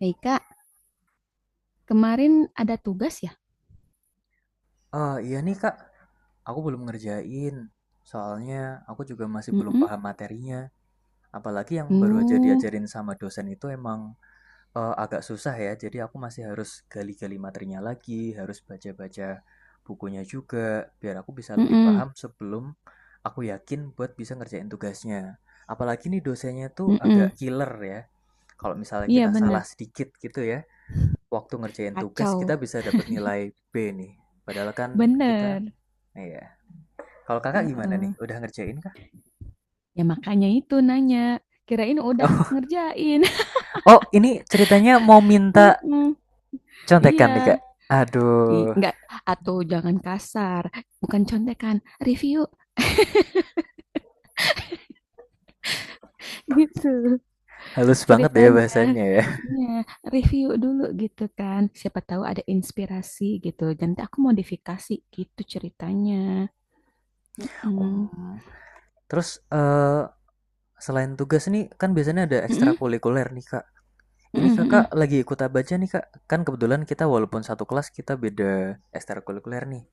Hei Kak, kemarin ada tugas ya? Eh, iya nih Kak, aku belum ngerjain. Soalnya aku juga masih belum Mm-mm. paham materinya. Apalagi yang baru aja uh diajarin sama dosen itu emang agak susah ya. Jadi aku masih harus gali-gali materinya lagi, harus baca-baca bukunya juga, biar aku bisa lebih mm-mm, paham sebelum aku yakin buat bisa ngerjain tugasnya. Apalagi nih dosennya tuh mm-mm. agak killer ya. Kalau misalnya Iya kita salah bener, sedikit gitu ya, waktu ngerjain tugas kita Kacau, bisa dapat nilai B nih. Padahal kan kita. bener. Iya. Kalau kakak gimana nih? Heeh. Udah ngerjain kah? Ya makanya itu nanya. Kirain udah ngerjain. Oh, ini ceritanya mau minta Mm-mm. contekan nih kak. Iya, Aduh, nggak atau jangan kasar, bukan contekan, review gitu halus banget ya ceritanya. bahasanya ya. Iya, review dulu gitu kan. Siapa tahu ada inspirasi gitu. Nanti aku modifikasi gitu ceritanya. Mm-mm. Hmm. Terus eh selain tugas nih, kan biasanya ada Mm-mm. ekstrakurikuler nih kak. Ini Mhm kakak mhm lagi ikut apa aja nih kak? Kan kebetulan kita walaupun satu kelas kita beda ekstrakurikuler nih.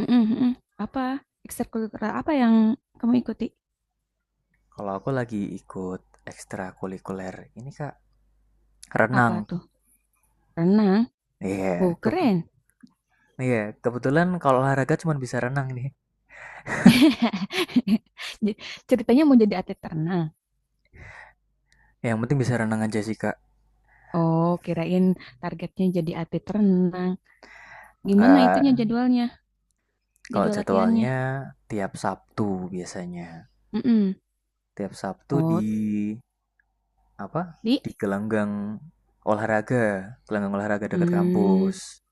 mhm mhm. Apa, ekstrakurikuler apa yang kamu ikuti? Kalau aku lagi ikut ekstrakurikuler ini kak Apa renang. tuh? Renang? Iya, Oh, ke- keren. iya kebetulan kalau olahraga cuma bisa renang nih. Ja Ceritanya mau jadi atlet renang? Yang penting bisa renang aja sih kak. Oh, kirain targetnya jadi atlet renang. Gimana Enggak, itunya jadwalnya, kalau jadwal latihannya? jadwalnya tiap Sabtu biasanya. Mhm. Tiap Sabtu di Oh, apa? di Di gelanggang olahraga dekat mmm, kampus.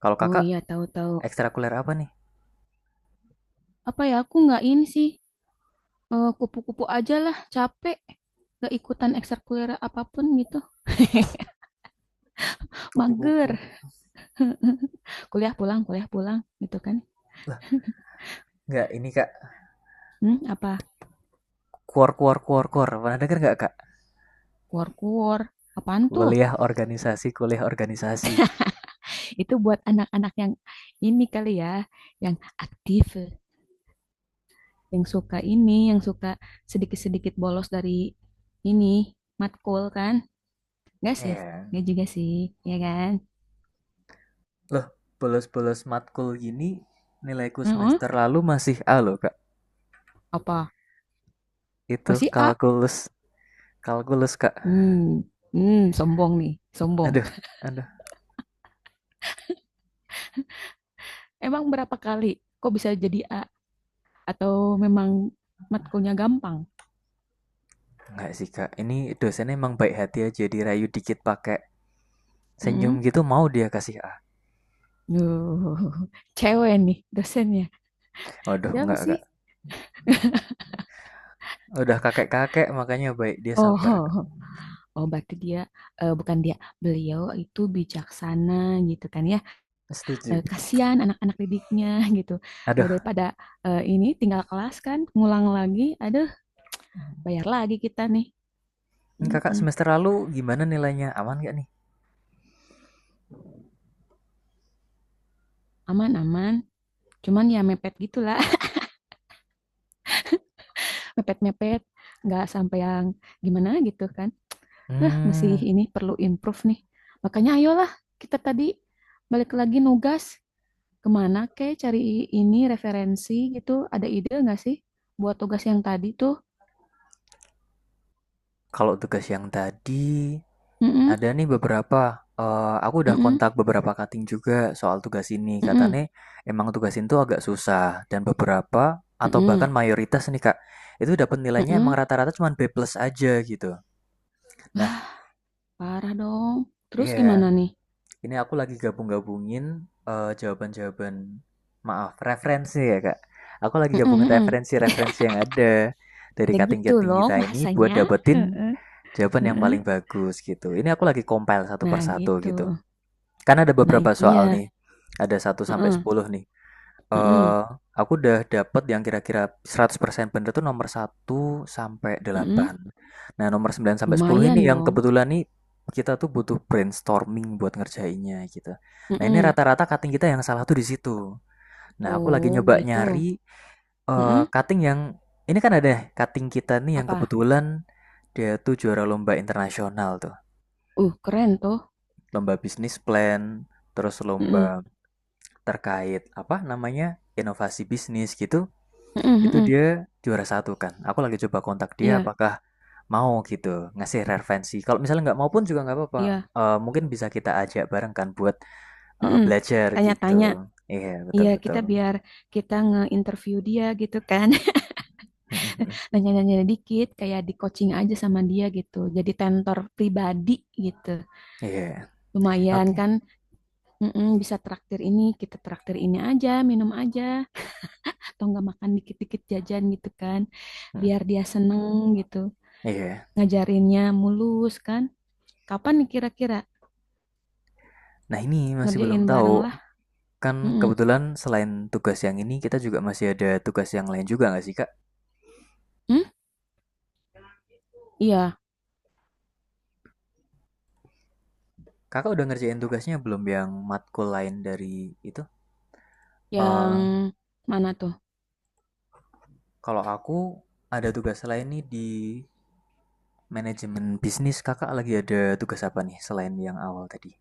Kalau oh kakak iya, tahu tahu. ekstrakuler apa nih? Apa ya, aku nggak ini sih, kupu-kupu aja lah, capek. Nggak ikutan ekstrakurikuler apapun gitu. Kupu-kupu. Mager. Kuliah pulang gitu kan. Lah, enggak ini kak. Apa? Kuor kuor kuor kuor. Pernah denger enggak kak? Kuor-kuor. Apaan tuh? Kuliah organisasi, kuliah organisasi. Itu buat anak-anak yang ini kali ya, yang aktif, yang suka ini, yang suka sedikit-sedikit bolos dari ini, matkul kan. Enggak sih? Iya. Enggak juga sih, ya kan? Loh, bolos-bolos matkul gini nilaiku Heeh. semester lalu masih A loh kak. Apa? Itu Masih A? kalkulus, kalkulus kak. hmm sombong nih, sombong. Aduh, aduh. Emang berapa kali kok bisa jadi A? Atau memang matkulnya gampang? Enggak sih Kak, ini dosennya emang baik hati aja dirayu dikit pakai senyum Mhm. gitu mau dia kasih A. Duh, cewek nih dosennya. Waduh, Siapa enggak Kak. sih? Udah kakek-kakek makanya baik dia sabar Kak. Oh, oh, berarti dia eh, bukan dia, beliau itu bijaksana gitu kan ya. Setuju. Eh, kasihan anak-anak didiknya gitu. Eh, Aduh, daripada eh, ini tinggal kelas kan, ngulang lagi, aduh, bayar lagi kita nih. ini Kakak Mm-mm. semester lalu gimana nilainya? Aman gak nih? Aman, aman. Cuman ya mepet gitulah, mepet-mepet, nggak sampai yang gimana gitu kan. Nah, masih Hmm, ini perlu improve nih. Makanya ayolah kita tadi balik lagi nugas. Ke Kek cari ini referensi gitu, ada ide nggak sih buat tugas yang tadi tuh? kalau tugas yang tadi Mm-mm, ada nih beberapa. Eh, aku udah mm-mm, kontak beberapa kating juga soal tugas ini. mm-mm, Katanya emang tugas ini tuh agak susah dan beberapa atau mm-mm, bahkan mayoritas nih Kak, itu dapat nilainya emang mm-mm. rata-rata cuma B plus aja gitu. Nah, Lah, parah dong. Terus gimana iya, nih? ini aku lagi gabung-gabungin jawaban-jawaban, maaf, referensi ya, Kak. Aku lagi Mm-mm, gabungin mm-mm. referensi-referensi yang ada dari Ya gitu cutting-cutting loh kita ini buat bahasanya. dapetin Heeh, jawaban yang heeh. paling bagus gitu. Ini aku lagi compile satu Nah persatu gitu. gitu. Karena ada Nah beberapa soal iya. nih, ada satu sampai Heeh, sepuluh nih. heeh, eh aku udah dapet yang kira-kira 100% bener tuh nomor satu sampai heeh. delapan. Nah, nomor 9 sampai 10 Lumayan ini yang dong. kebetulan nih kita tuh butuh brainstorming buat ngerjainnya gitu. Nah, ini Heeh. rata-rata cutting kita yang salah tuh di situ. Nah, aku lagi Oh nyoba gitu. nyari Heeh. cutting yang ini kan ada cutting kita nih yang Apa? kebetulan dia tuh juara lomba internasional tuh. Keren tuh. Lomba bisnis plan, terus lomba Heeh, terkait apa namanya? Inovasi bisnis gitu. heeh, Itu heeh. dia juara satu kan. Aku lagi coba kontak dia Iya, apakah mau gitu ngasih referensi. Kalau misalnya nggak mau pun juga nggak apa-apa. iya. Eh, mungkin bisa kita ajak bareng kan buat Heeh. belajar gitu. Tanya-tanya. Iya betul Iya, kita betul. biar kita nge-interview dia gitu kan. Nanya-nanya dikit, kayak di-coaching aja sama dia gitu. Jadi tentor pribadi gitu. Iya Lumayan oke. kan, mm-mm, bisa traktir ini, kita traktir ini aja, minum aja. Atau nggak makan dikit-dikit jajan gitu kan. Mm, Biar dia seneng gitu. Iya. Ngajarinnya mulus kan. Kapan nih kira-kira Nah ini masih belum ngerjain tahu. bareng lah? Kan Mm-mm. kebetulan selain tugas yang ini kita juga masih ada tugas yang lain juga nggak sih Kak? Hmm? Iya, Kakak udah ngerjain tugasnya belum yang matkul lain dari itu? yang Eh, mana tuh? kalau aku ada tugas lain nih di Manajemen bisnis. Kakak lagi ada tugas apa nih selain yang awal tadi?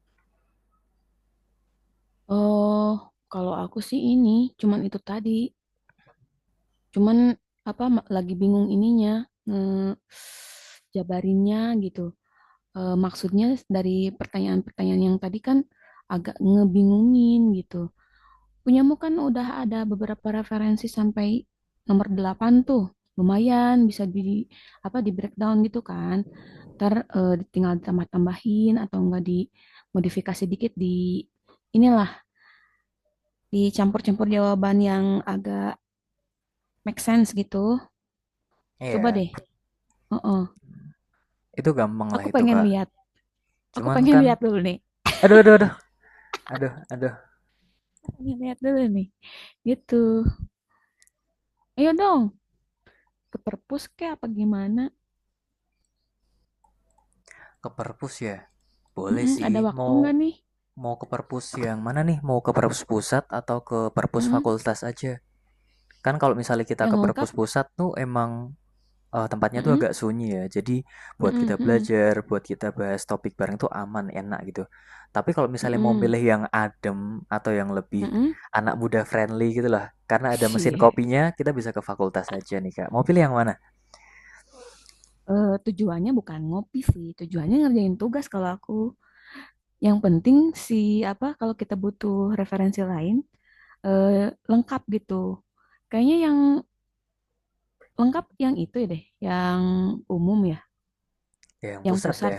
Oh, kalau aku sih ini, cuman itu tadi cuman, apa, lagi bingung ininya, eee, jabarinnya gitu. Maksudnya dari pertanyaan-pertanyaan yang tadi kan agak ngebingungin gitu. Punyamu kan udah ada beberapa referensi sampai nomor 8 tuh, lumayan bisa di apa, di-breakdown gitu kan. Entar, tinggal ditambah-tambahin atau enggak dimodifikasi dikit di inilah, dicampur-campur jawaban yang agak make sense gitu. Coba Iya, deh heeh. itu gampang lah Aku itu pengen kak. lihat, aku Cuman pengen kan, lihat dulu nih, aduh aduh aduh, aduh aduh, aku pengen lihat dulu nih, gitu. Ayo dong, ke perpus kek apa gimana? ke perpus ya. Boleh Mm-mm, ada sih, waktu mau nggak nih? mau ke perpus yang mana nih? Mau ke perpus pusat atau ke perpus Mm-mm, fakultas aja? Kan kalau misalnya kita yang ke lengkap? perpus pusat tuh emang tempatnya tuh Mm-mm, agak sunyi ya. Jadi buat mm-mm, kita mm-mm, belajar, buat kita bahas topik bareng tuh aman, enak gitu. Tapi kalau misalnya mau mm-mm, milih yang adem atau yang lebih mm-mm. anak muda friendly gitu lah. Karena ada mesin Cie. kopinya, kita bisa ke fakultas aja nih, Kak. Mau pilih yang mana? Eh, tujuannya bukan ngopi sih, tujuannya ngerjain tugas kalau aku. Yang penting si apa kalau kita butuh referensi lain eh, lengkap gitu. Kayaknya yang lengkap yang itu ya deh, yang umum ya, Ya, yang yang pusat pusat. deh.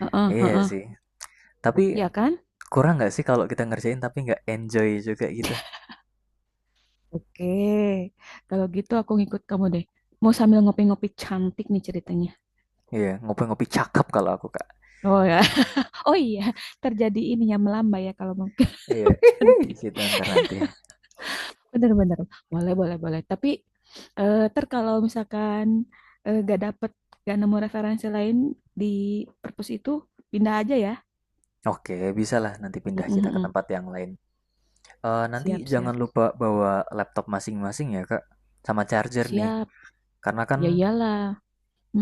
Heeh, Iya heeh. sih. Tapi Ya kan? kurang nggak sih kalau kita ngerjain tapi nggak enjoy juga gitu? Oke, kalau gitu aku ngikut kamu deh. Mau sambil ngopi-ngopi cantik nih ceritanya. Iya, ngopi-ngopi cakep kalau aku, Kak. Oh ya, oh iya, terjadi ini ya melambai ya kalau mau Iya, cantik. kita ntar nanti. Bener-bener, boleh boleh boleh. Tapi eh, kalau misalkan eh, gak dapet, gak nemu referensi lain di perpus itu, pindah aja ya. Oke, bisa lah nanti pindah Mm-mm, kita ke mm-mm. tempat yang lain. Eh, nanti Siap jangan siap lupa bawa laptop masing-masing ya, Kak. Sama charger nih. siap. Karena kan Ya iyalah.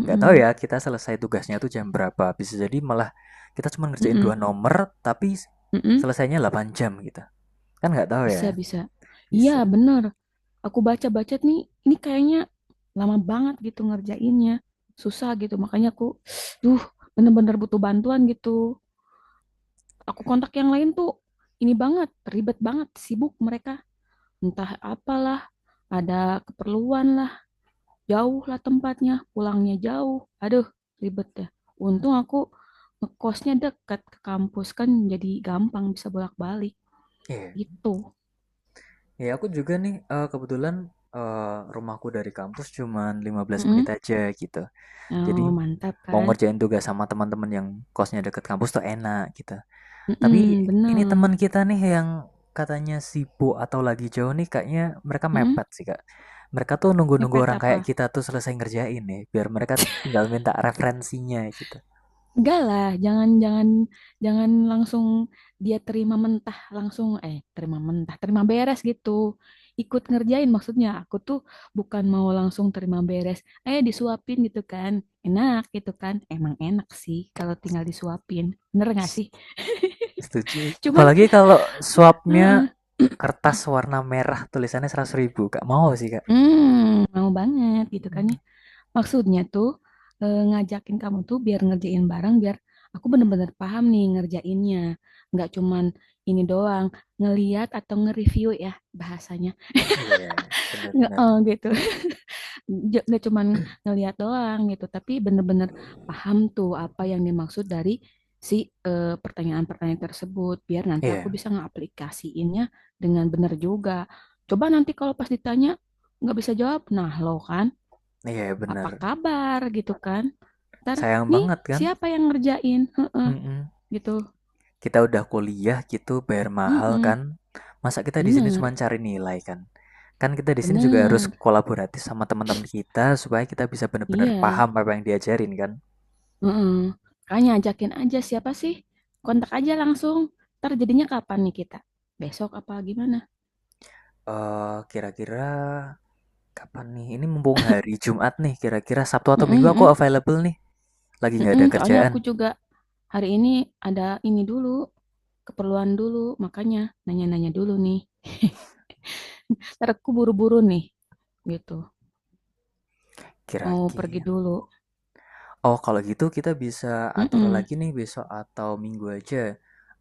nggak tahu ya kita selesai tugasnya tuh jam berapa. Bisa jadi malah kita cuma ngerjain dua mm-mm, nomor tapi mm-mm. selesainya 8 jam gitu. Kan nggak tahu Bisa ya. bisa. Iya Bisa. bener. Aku baca-baca nih, ini kayaknya lama banget gitu ngerjainnya. Susah gitu, makanya aku, duh, bener-bener butuh bantuan gitu. Aku kontak yang lain tuh, ini banget, ribet banget, sibuk mereka. Entah apalah, ada keperluan lah, jauh lah tempatnya, pulangnya jauh. Aduh, ribet ya. Untung aku ngekosnya dekat ke kampus kan jadi gampang bisa bolak-balik Iya. gitu. Ya aku juga nih kebetulan rumahku dari kampus cuma 15 menit Mm-mm. aja gitu. Jadi Oh, mantap mau kan? ngerjain tugas sama teman-teman yang kosnya deket kampus tuh enak gitu. Tapi Mm-mm, ini bener. teman kita nih yang katanya sibuk atau lagi jauh nih kayaknya mereka Mm-mm. mepet sih Kak. Mereka tuh nunggu-nunggu Mepet orang apa? kayak kita tuh selesai ngerjain nih, biar mereka tinggal minta referensinya gitu. Enggak lah, jangan jangan jangan langsung dia terima mentah langsung eh terima mentah, terima beres gitu. Ikut ngerjain maksudnya. Aku tuh bukan mau langsung terima beres. Eh, disuapin gitu kan. Enak gitu kan. Emang enak sih kalau tinggal disuapin. Bener gak S- sih? Setuju. Cuman Apalagi kalau swapnya heeh, kertas warna merah tulisannya 100 ribu, Kak. Mau sih Kak. Mau banget gitu kan Mm. ya. Maksudnya tuh, ngajakin kamu tuh biar ngerjain bareng, biar aku bener-bener paham nih ngerjainnya. Nggak cuman ini doang, ngelihat atau nge-review ya bahasanya, Iya, benar-benar. heeh, gitu. Nggak cuman ngelihat doang gitu, tapi bener-bener paham tuh apa yang dimaksud dari si, pertanyaan-pertanyaan tersebut, biar nanti aku Iya, bisa ngeaplikasiinnya dengan bener juga. Coba nanti kalau pas ditanya nggak bisa jawab, nah lo kan iya apa benar. kabar gitu kan ntar Sayang nih banget kan? siapa yang ngerjain. Heh, Mm-mm. gitu. Kita udah kuliah gitu bayar mahal Mm-mm. kan, masa kita di sini cuma Bener cari nilai kan? Kan kita di sini juga harus bener, kolaboratif sama teman-teman kita supaya kita bisa benar-benar paham iya. apa yang diajarin kan. Mm-mm. Makanya ajakin aja siapa sih, kontak aja langsung, ntar jadinya kapan nih kita, besok apa gimana? Eh, kira-kira kapan nih? Ini mumpung hari Jumat nih, kira-kira Sabtu atau Mm-mm, Minggu aku mm-mm. available nih, lagi nggak ada Mm-mm, soalnya kerjaan. aku juga hari ini ada ini dulu, keperluan dulu, makanya nanya-nanya dulu nih. Ntar aku buru-buru nih, gitu, mau pergi Kira-kira, dulu. oh, kalau gitu kita bisa atur Mm-mm, lagi nih besok atau minggu aja.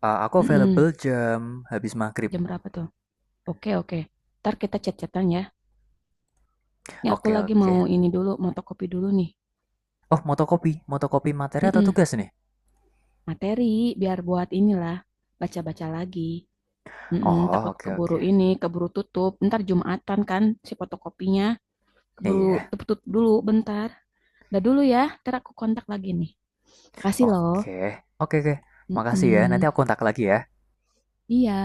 Eh, aku mm-mm. available jam habis maghrib. Jam berapa tuh? Oke, oke. Ntar kita chat-chatan ya. Ini aku Oke, lagi oke. mau ini dulu, motokopi dulu nih. Oh, motokopi. Motokopi materi atau Mm-mm. tugas nih? Materi, biar buat inilah, baca-baca lagi. Mm-mm, Oh, takut oke keburu oke. ini, keburu tutup. Ntar Jumatan kan si fotokopinya. Keburu Iya. tutup dulu, bentar. Udah dulu ya, ntar aku kontak lagi nih. Kasih loh. Oke. Oke oke. Makasih ya. Nanti Mm-mm. aku kontak lagi ya. Iya.